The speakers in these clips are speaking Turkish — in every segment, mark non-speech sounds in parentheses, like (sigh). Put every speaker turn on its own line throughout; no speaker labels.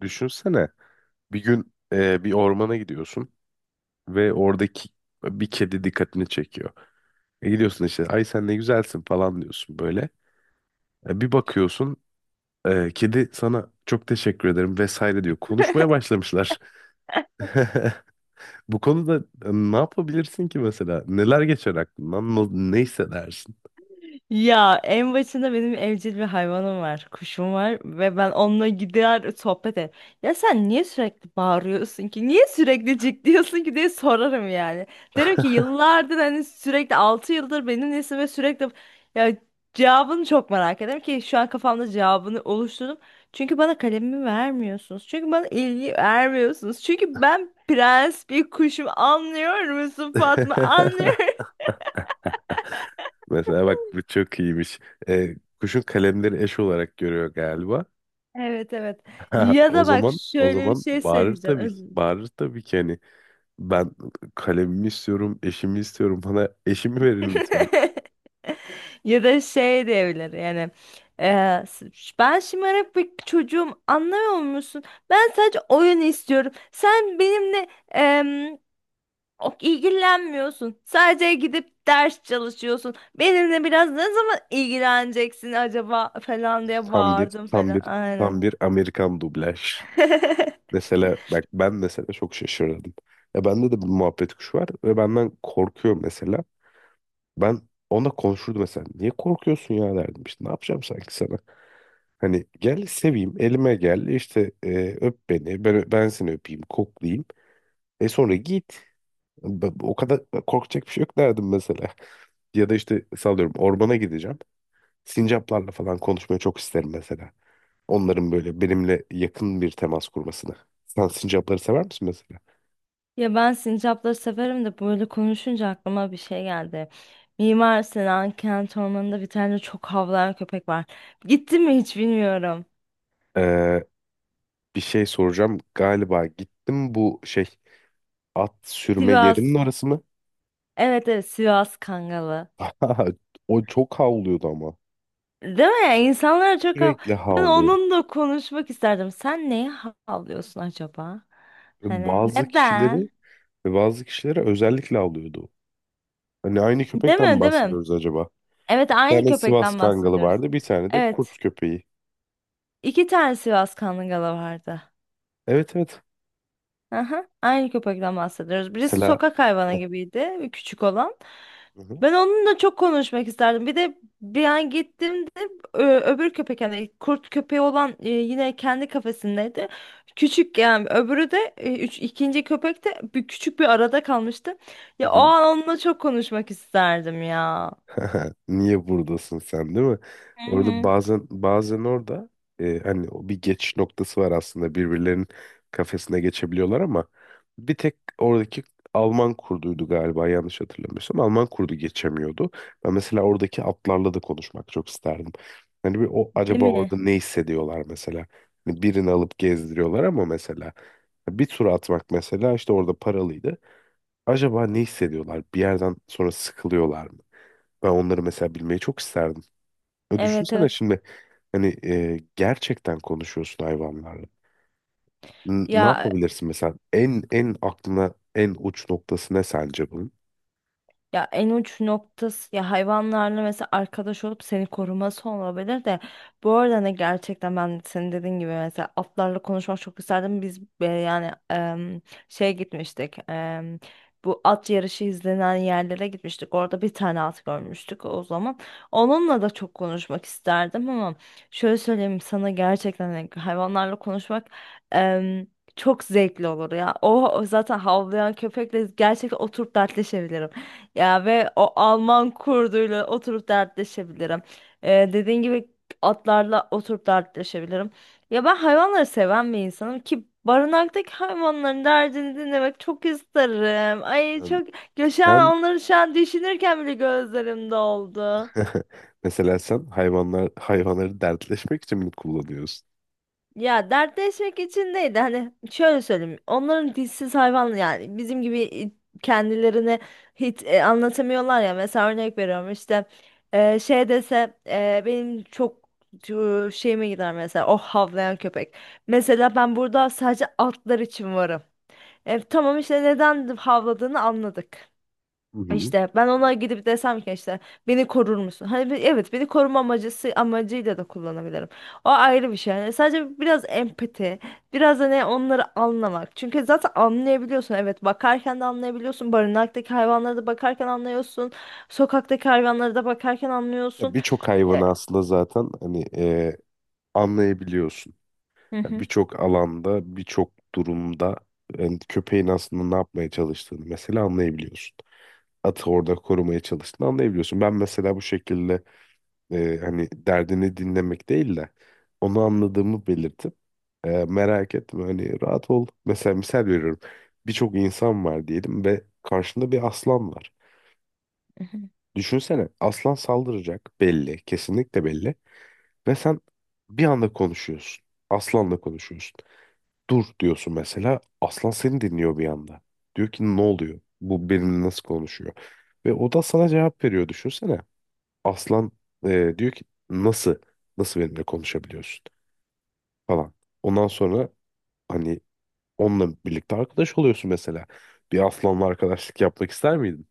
Düşünsene bir gün bir ormana gidiyorsun ve oradaki bir kedi dikkatini çekiyor. Gidiyorsun işte ay sen ne güzelsin falan diyorsun böyle. Bir bakıyorsun kedi sana çok teşekkür ederim vesaire diyor. Konuşmaya başlamışlar. (laughs) Bu konuda ne yapabilirsin ki mesela? Neler geçer aklından? Ne hissedersin?
Ya en başında benim evcil bir hayvanım var. Kuşum var ve ben onunla gider sohbet ederim. Ya sen niye sürekli bağırıyorsun ki? Niye sürekli cik diyorsun ki diye sorarım yani. Derim ki yıllardır hani sürekli 6 yıldır benimlesin ve sürekli ya cevabını çok merak ederim ki şu an kafamda cevabını oluşturdum. Çünkü bana kalemimi vermiyorsunuz. Çünkü bana ilgi vermiyorsunuz. Çünkü ben prens bir kuşum, anlıyor musun Fatma? Anlıyor.
(laughs) Mesela bak bu çok iyiymiş. E, Kuşun kalemleri eş olarak görüyor galiba.
Evet, evet.
Ha,
Ya
o
da bak
zaman o
şöyle bir
zaman
şey
bağırır
söyleyeceğim.
tabii
Özür
ki.
dilerim.
Bağırır tabii ki hani ben kalemimi istiyorum, eşimi istiyorum. Bana eşimi verin lütfen.
(laughs) Ya da şey diyebilir yani. eee, s- Ben şımarık bir çocuğum, anlamıyor musun? Ben sadece oyun istiyorum. Sen benimle ilgilenmiyorsun. Sadece gidip ders çalışıyorsun. Benimle biraz ne zaman ilgileneceksin acaba falan diye
Tam bir
bağırdım
tam
falan.
bir tam
Aynen.
bir Amerikan dublaj.
(laughs)
Mesela bak ben mesela çok şaşırdım. Ya bende de bir muhabbet kuşu var ve benden korkuyor mesela. Ben ona konuşurdum mesela. Niye korkuyorsun ya derdim işte. Ne yapacağım sanki sana? Hani gel seveyim, elime gel, işte öp beni, ben seni öpeyim, koklayayım. E sonra git. O kadar korkacak bir şey yok derdim mesela. Ya da işte sallıyorum ormana gideceğim. Sincaplarla falan konuşmayı çok isterim mesela. Onların böyle benimle yakın bir temas kurmasını. Sen sincapları sever misin mesela?
Ya ben sincapları severim de böyle konuşunca aklıma bir şey geldi. Mimar Sinan Kent Ormanı'nda bir tane çok havlayan köpek var. Gitti mi hiç bilmiyorum.
Ee, bir şey soracağım. Galiba gittim bu şey at sürme
Sivas.
yerinin orası mı?
Evet, evet, Sivas Kangalı.
(laughs) O çok havlıyordu ama.
Değil mi? İnsanlara çok hav...
Sürekli
Ben
havlıyor.
onunla konuşmak isterdim. Sen neye havlıyorsun acaba?
Ve
Hani
bazı kişileri
neden?
ve bazı kişilere özellikle havlıyordu. Hani aynı
Değil
köpekten mi
mi? Değil mi?
bahsediyoruz acaba?
Evet,
Bir
aynı
tane Sivas
köpekten
Kangalı
bahsediyoruz.
vardı. Bir tane de kurt
Evet.
köpeği.
iki tane Sivas Kangalı vardı.
Evet, evet.
Aha, aynı köpekten bahsediyoruz. Birisi
Mesela
sokak hayvanı
hı
gibiydi, küçük olan.
hı.
Ben onunla çok konuşmak isterdim. Bir de bir an gittiğimde öbür köpek, yani kurt köpeği olan, yine kendi kafesindeydi. Küçük yani öbürü de üç, ikinci köpek de bir, küçük bir arada kalmıştı.
Hı
Ya o
hı.
an onunla çok konuşmak isterdim ya.
(laughs) Niye buradasın sen değil mi?
Hı
Orada
hı.
bazen orada hani o bir geçiş noktası var aslında birbirlerinin kafesine geçebiliyorlar ama bir tek oradaki Alman kurduydu galiba yanlış hatırlamıyorsam Alman kurdu geçemiyordu. Ben mesela oradaki atlarla da konuşmak çok isterdim. Hani bir o
Değil
acaba orada
mi?
ne hissediyorlar mesela? Hani birini alıp gezdiriyorlar ama mesela bir tur atmak mesela işte orada paralıydı. Acaba ne hissediyorlar? Bir yerden sonra sıkılıyorlar mı? Ben onları mesela bilmeyi çok isterdim. Ya
Evet,
düşünsene
evet.
şimdi hani gerçekten konuşuyorsun hayvanlarla. Ne
Ya
yapabilirsin mesela? En aklına en uç noktası ne sence bunun?
Ya en uç noktası ya hayvanlarla mesela arkadaş olup seni koruması olabilir de bu arada ne, gerçekten ben senin dediğin gibi mesela atlarla konuşmak çok isterdim. Biz yani şeye gitmiştik. Bu at yarışı izlenen yerlere gitmiştik. Orada bir tane at görmüştük o zaman. Onunla da çok konuşmak isterdim ama şöyle söyleyeyim sana, gerçekten hani hayvanlarla konuşmak em, çok zevkli olur ya. O zaten havlayan köpekle gerçekten oturup dertleşebilirim. Ya ve o Alman kurduyla oturup dertleşebilirim. Dediğin gibi atlarla oturup dertleşebilirim. Ya ben hayvanları seven bir insanım ki barınaktaki hayvanların derdini dinlemek çok isterim. Ay
Yani
çok, ya şu
sen
an onları şu an düşünürken bile gözlerim doldu.
(laughs) mesela sen hayvanları dertleşmek için mi kullanıyorsun?
Ya dertleşmek için değil de hani şöyle söyleyeyim. Onların dilsiz hayvan yani bizim gibi kendilerini hiç anlatamıyorlar ya. Mesela örnek veriyorum işte şey dese benim çok şeyime gider mesela o havlayan köpek. Mesela ben burada sadece atlar için varım. E, tamam işte, neden havladığını anladık.
Hı hı.
İşte ben ona gidip desem ki işte beni korur musun? Hani evet, beni koruma amacıyla da kullanabilirim. O ayrı bir şey. Yani sadece biraz empati, biraz da ne, onları anlamak. Çünkü zaten anlayabiliyorsun. Evet, bakarken de anlayabiliyorsun. Barınaktaki hayvanlara da bakarken anlıyorsun. Sokaktaki hayvanlara da bakarken
Ya
anlıyorsun.
birçok
E,
hayvanı aslında zaten hani anlayabiliyorsun.
Hı
Ya
hı.
birçok alanda, birçok durumda yani köpeğin aslında ne yapmaya çalıştığını mesela anlayabiliyorsun. Atı orada korumaya çalıştığını anlayabiliyorsun. Ben mesela bu şekilde hani derdini dinlemek değil de onu anladığımı belirtip merak etme hani rahat ol. Mesela misal veriyorum birçok insan var diyelim ve karşında bir aslan var.
Hı hı.
Düşünsene aslan saldıracak belli kesinlikle belli ve sen bir anda konuşuyorsun. Aslanla konuşuyorsun. Dur diyorsun mesela aslan seni dinliyor bir anda. Diyor ki ne oluyor? Bu benimle nasıl konuşuyor? Ve o da sana cevap veriyor düşünsene. Aslan diyor ki nasıl nasıl benimle konuşabiliyorsun falan. Ondan sonra hani onunla birlikte arkadaş oluyorsun mesela. Bir aslanla arkadaşlık yapmak ister miydin?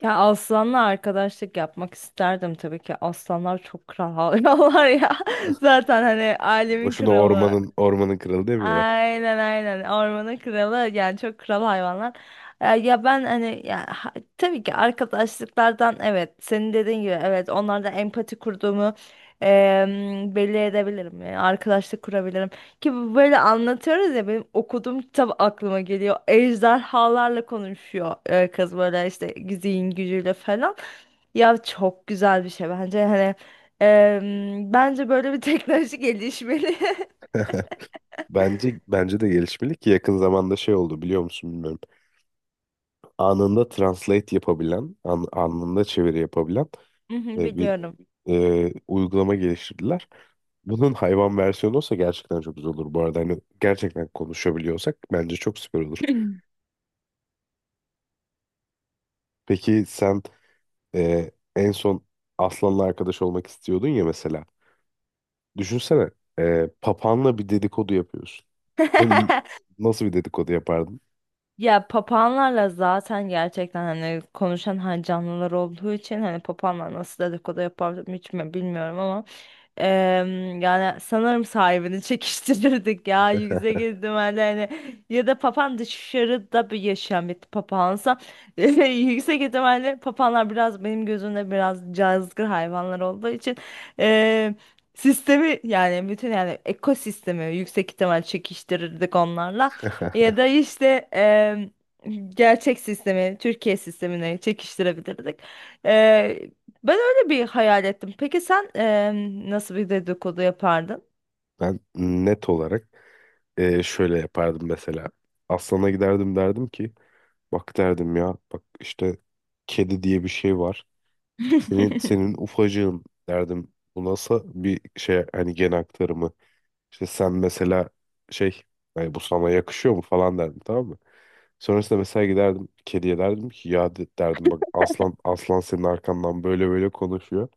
Ya aslanla arkadaşlık yapmak isterdim tabii ki. Aslanlar çok kral hayvanlar ya. (laughs) Zaten hani alemin
Boşuna
kralı.
ormanın kralı demiyorlar.
Aynen, aynen, ormanın kralı yani çok kral hayvanlar. Ya ben hani ya, tabii ki arkadaşlıklardan, evet senin dediğin gibi evet onlardan empati kurduğumu belli edebilirim. Yani arkadaşlık kurabilirim. Ki bu böyle anlatıyoruz ya, benim okuduğum kitap aklıma geliyor. Ejderhalarla konuşuyor kız, böyle işte zihin gücüyle falan. Ya çok güzel bir şey bence, hani bence böyle bir teknoloji gelişmeli. (laughs)
Bence de gelişmeli ki yakın zamanda şey oldu biliyor musun bilmiyorum. Anında translate yapabilen, anında çeviri yapabilen
Mhm,
bir
biliyorum.
uygulama geliştirdiler. Bunun hayvan versiyonu olsa gerçekten çok güzel olur bu arada. Hani gerçekten konuşabiliyorsak bence çok süper olur. Peki sen en son Aslan'la arkadaş olmak istiyordun ya mesela. Düşünsene papağanla bir dedikodu yapıyorsun. Lan,
(laughs)
nasıl bir dedikodu yapardın?
Ya papağanlarla zaten gerçekten hani konuşan hani canlılar olduğu için hani papağanlar nasıl dedikodu yapar hiç mi bilmiyorum ama yani sanırım sahibini çekiştirirdik ya yüksek ihtimalle hani ya da papağan dışarıda bir yaşayan bir papağansa (laughs) yüksek ihtimalle papağanlar biraz benim gözümde biraz cazgır hayvanlar olduğu için em, sistemi yani bütün yani ekosistemi yüksek ihtimal çekiştirirdik onlarla.
(laughs)
Ya da işte em, gerçek sistemi, Türkiye sistemine çekiştirebilirdik. Eee, Ben öyle bir hayal ettim. Peki sen nasıl bir dedikodu yapardın?
Ben net olarak şöyle yapardım mesela. Aslan'a giderdim derdim ki bak derdim ya bak işte kedi diye bir şey var.
(laughs)
Senin ufacığın derdim. Bu nasıl bir şey hani gen aktarımı. İşte sen mesela şey hani bu sana yakışıyor mu falan derdim tamam mı? Sonrasında mesela giderdim kediye derdim ki ya derdim bak aslan senin arkandan böyle böyle konuşuyor.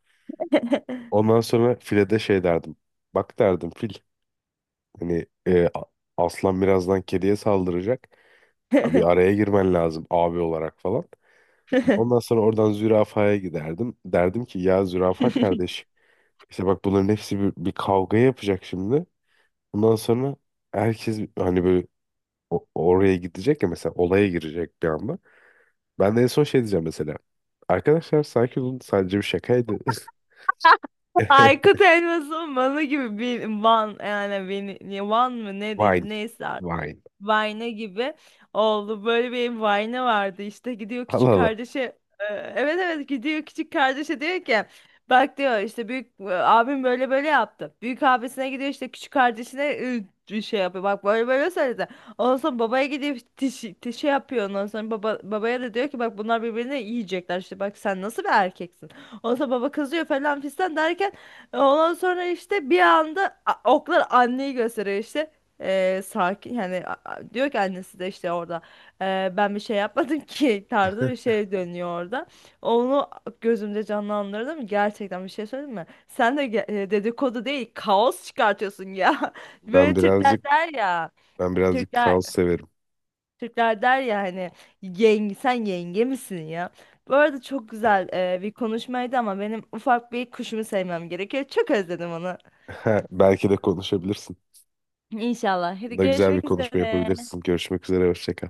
Ondan sonra file de şey derdim. Bak derdim fil hani aslan birazdan kediye saldıracak. Abi araya girmen lazım abi olarak falan. Ondan sonra oradan zürafaya giderdim. Derdim ki ya zürafa kardeş işte bak bunların hepsi bir kavga yapacak şimdi. Ondan sonra herkes hani böyle oraya gidecek ya mesela olaya girecek bir anda. Ben de en son şey diyeceğim mesela. Arkadaşlar sanki bunun sadece bir şakaydı.
Aykut
(laughs)
Elmas'ın Van'ı gibi bir Van, yani beni Van mı ne
Wine,
diyeyim, neyse artık.
wine.
Vine gibi oldu. Böyle bir Vine vardı, işte gidiyor
Allah
küçük
Allah.
kardeşe, e, evet evet, gidiyor küçük kardeşe diyor ki bak, diyor, işte büyük abim böyle böyle yaptı. Büyük abisine gidiyor, işte küçük kardeşine bir şey yapıyor. Bak böyle böyle söyledi. Ondan sonra babaya gidiyor, tişi, tişi yapıyor. Ondan sonra baba, babaya da diyor ki bak bunlar birbirini yiyecekler, işte bak sen nasıl bir erkeksin. Ondan sonra baba kızıyor falan fistan derken, ondan sonra işte bir anda oklar anneyi gösteriyor, işte sakin yani, diyor ki annesi de işte orada, Ben bir şey yapmadım (laughs) ki" tarzı bir şey dönüyor orada. Onu gözümde canlandırdım, gerçekten bir şey söyleyeyim mi? Sen de dedikodu değil, kaos çıkartıyorsun ya. (laughs)
Ben
Böyle Türkler
birazcık
der ya,
ben birazcık
Türkler
kaos severim.
Türkler der ya hani, yenge sen yenge misin ya? Bu arada çok güzel bir konuşmaydı ama benim ufak bir kuşumu sevmem gerekiyor. Çok özledim onu.
(laughs) Belki de konuşabilirsin.
İnşallah. Hadi
Bunda güzel bir
görüşmek
konuşma
üzere.
yapabilirsin. Görüşmek üzere, hoşça kal.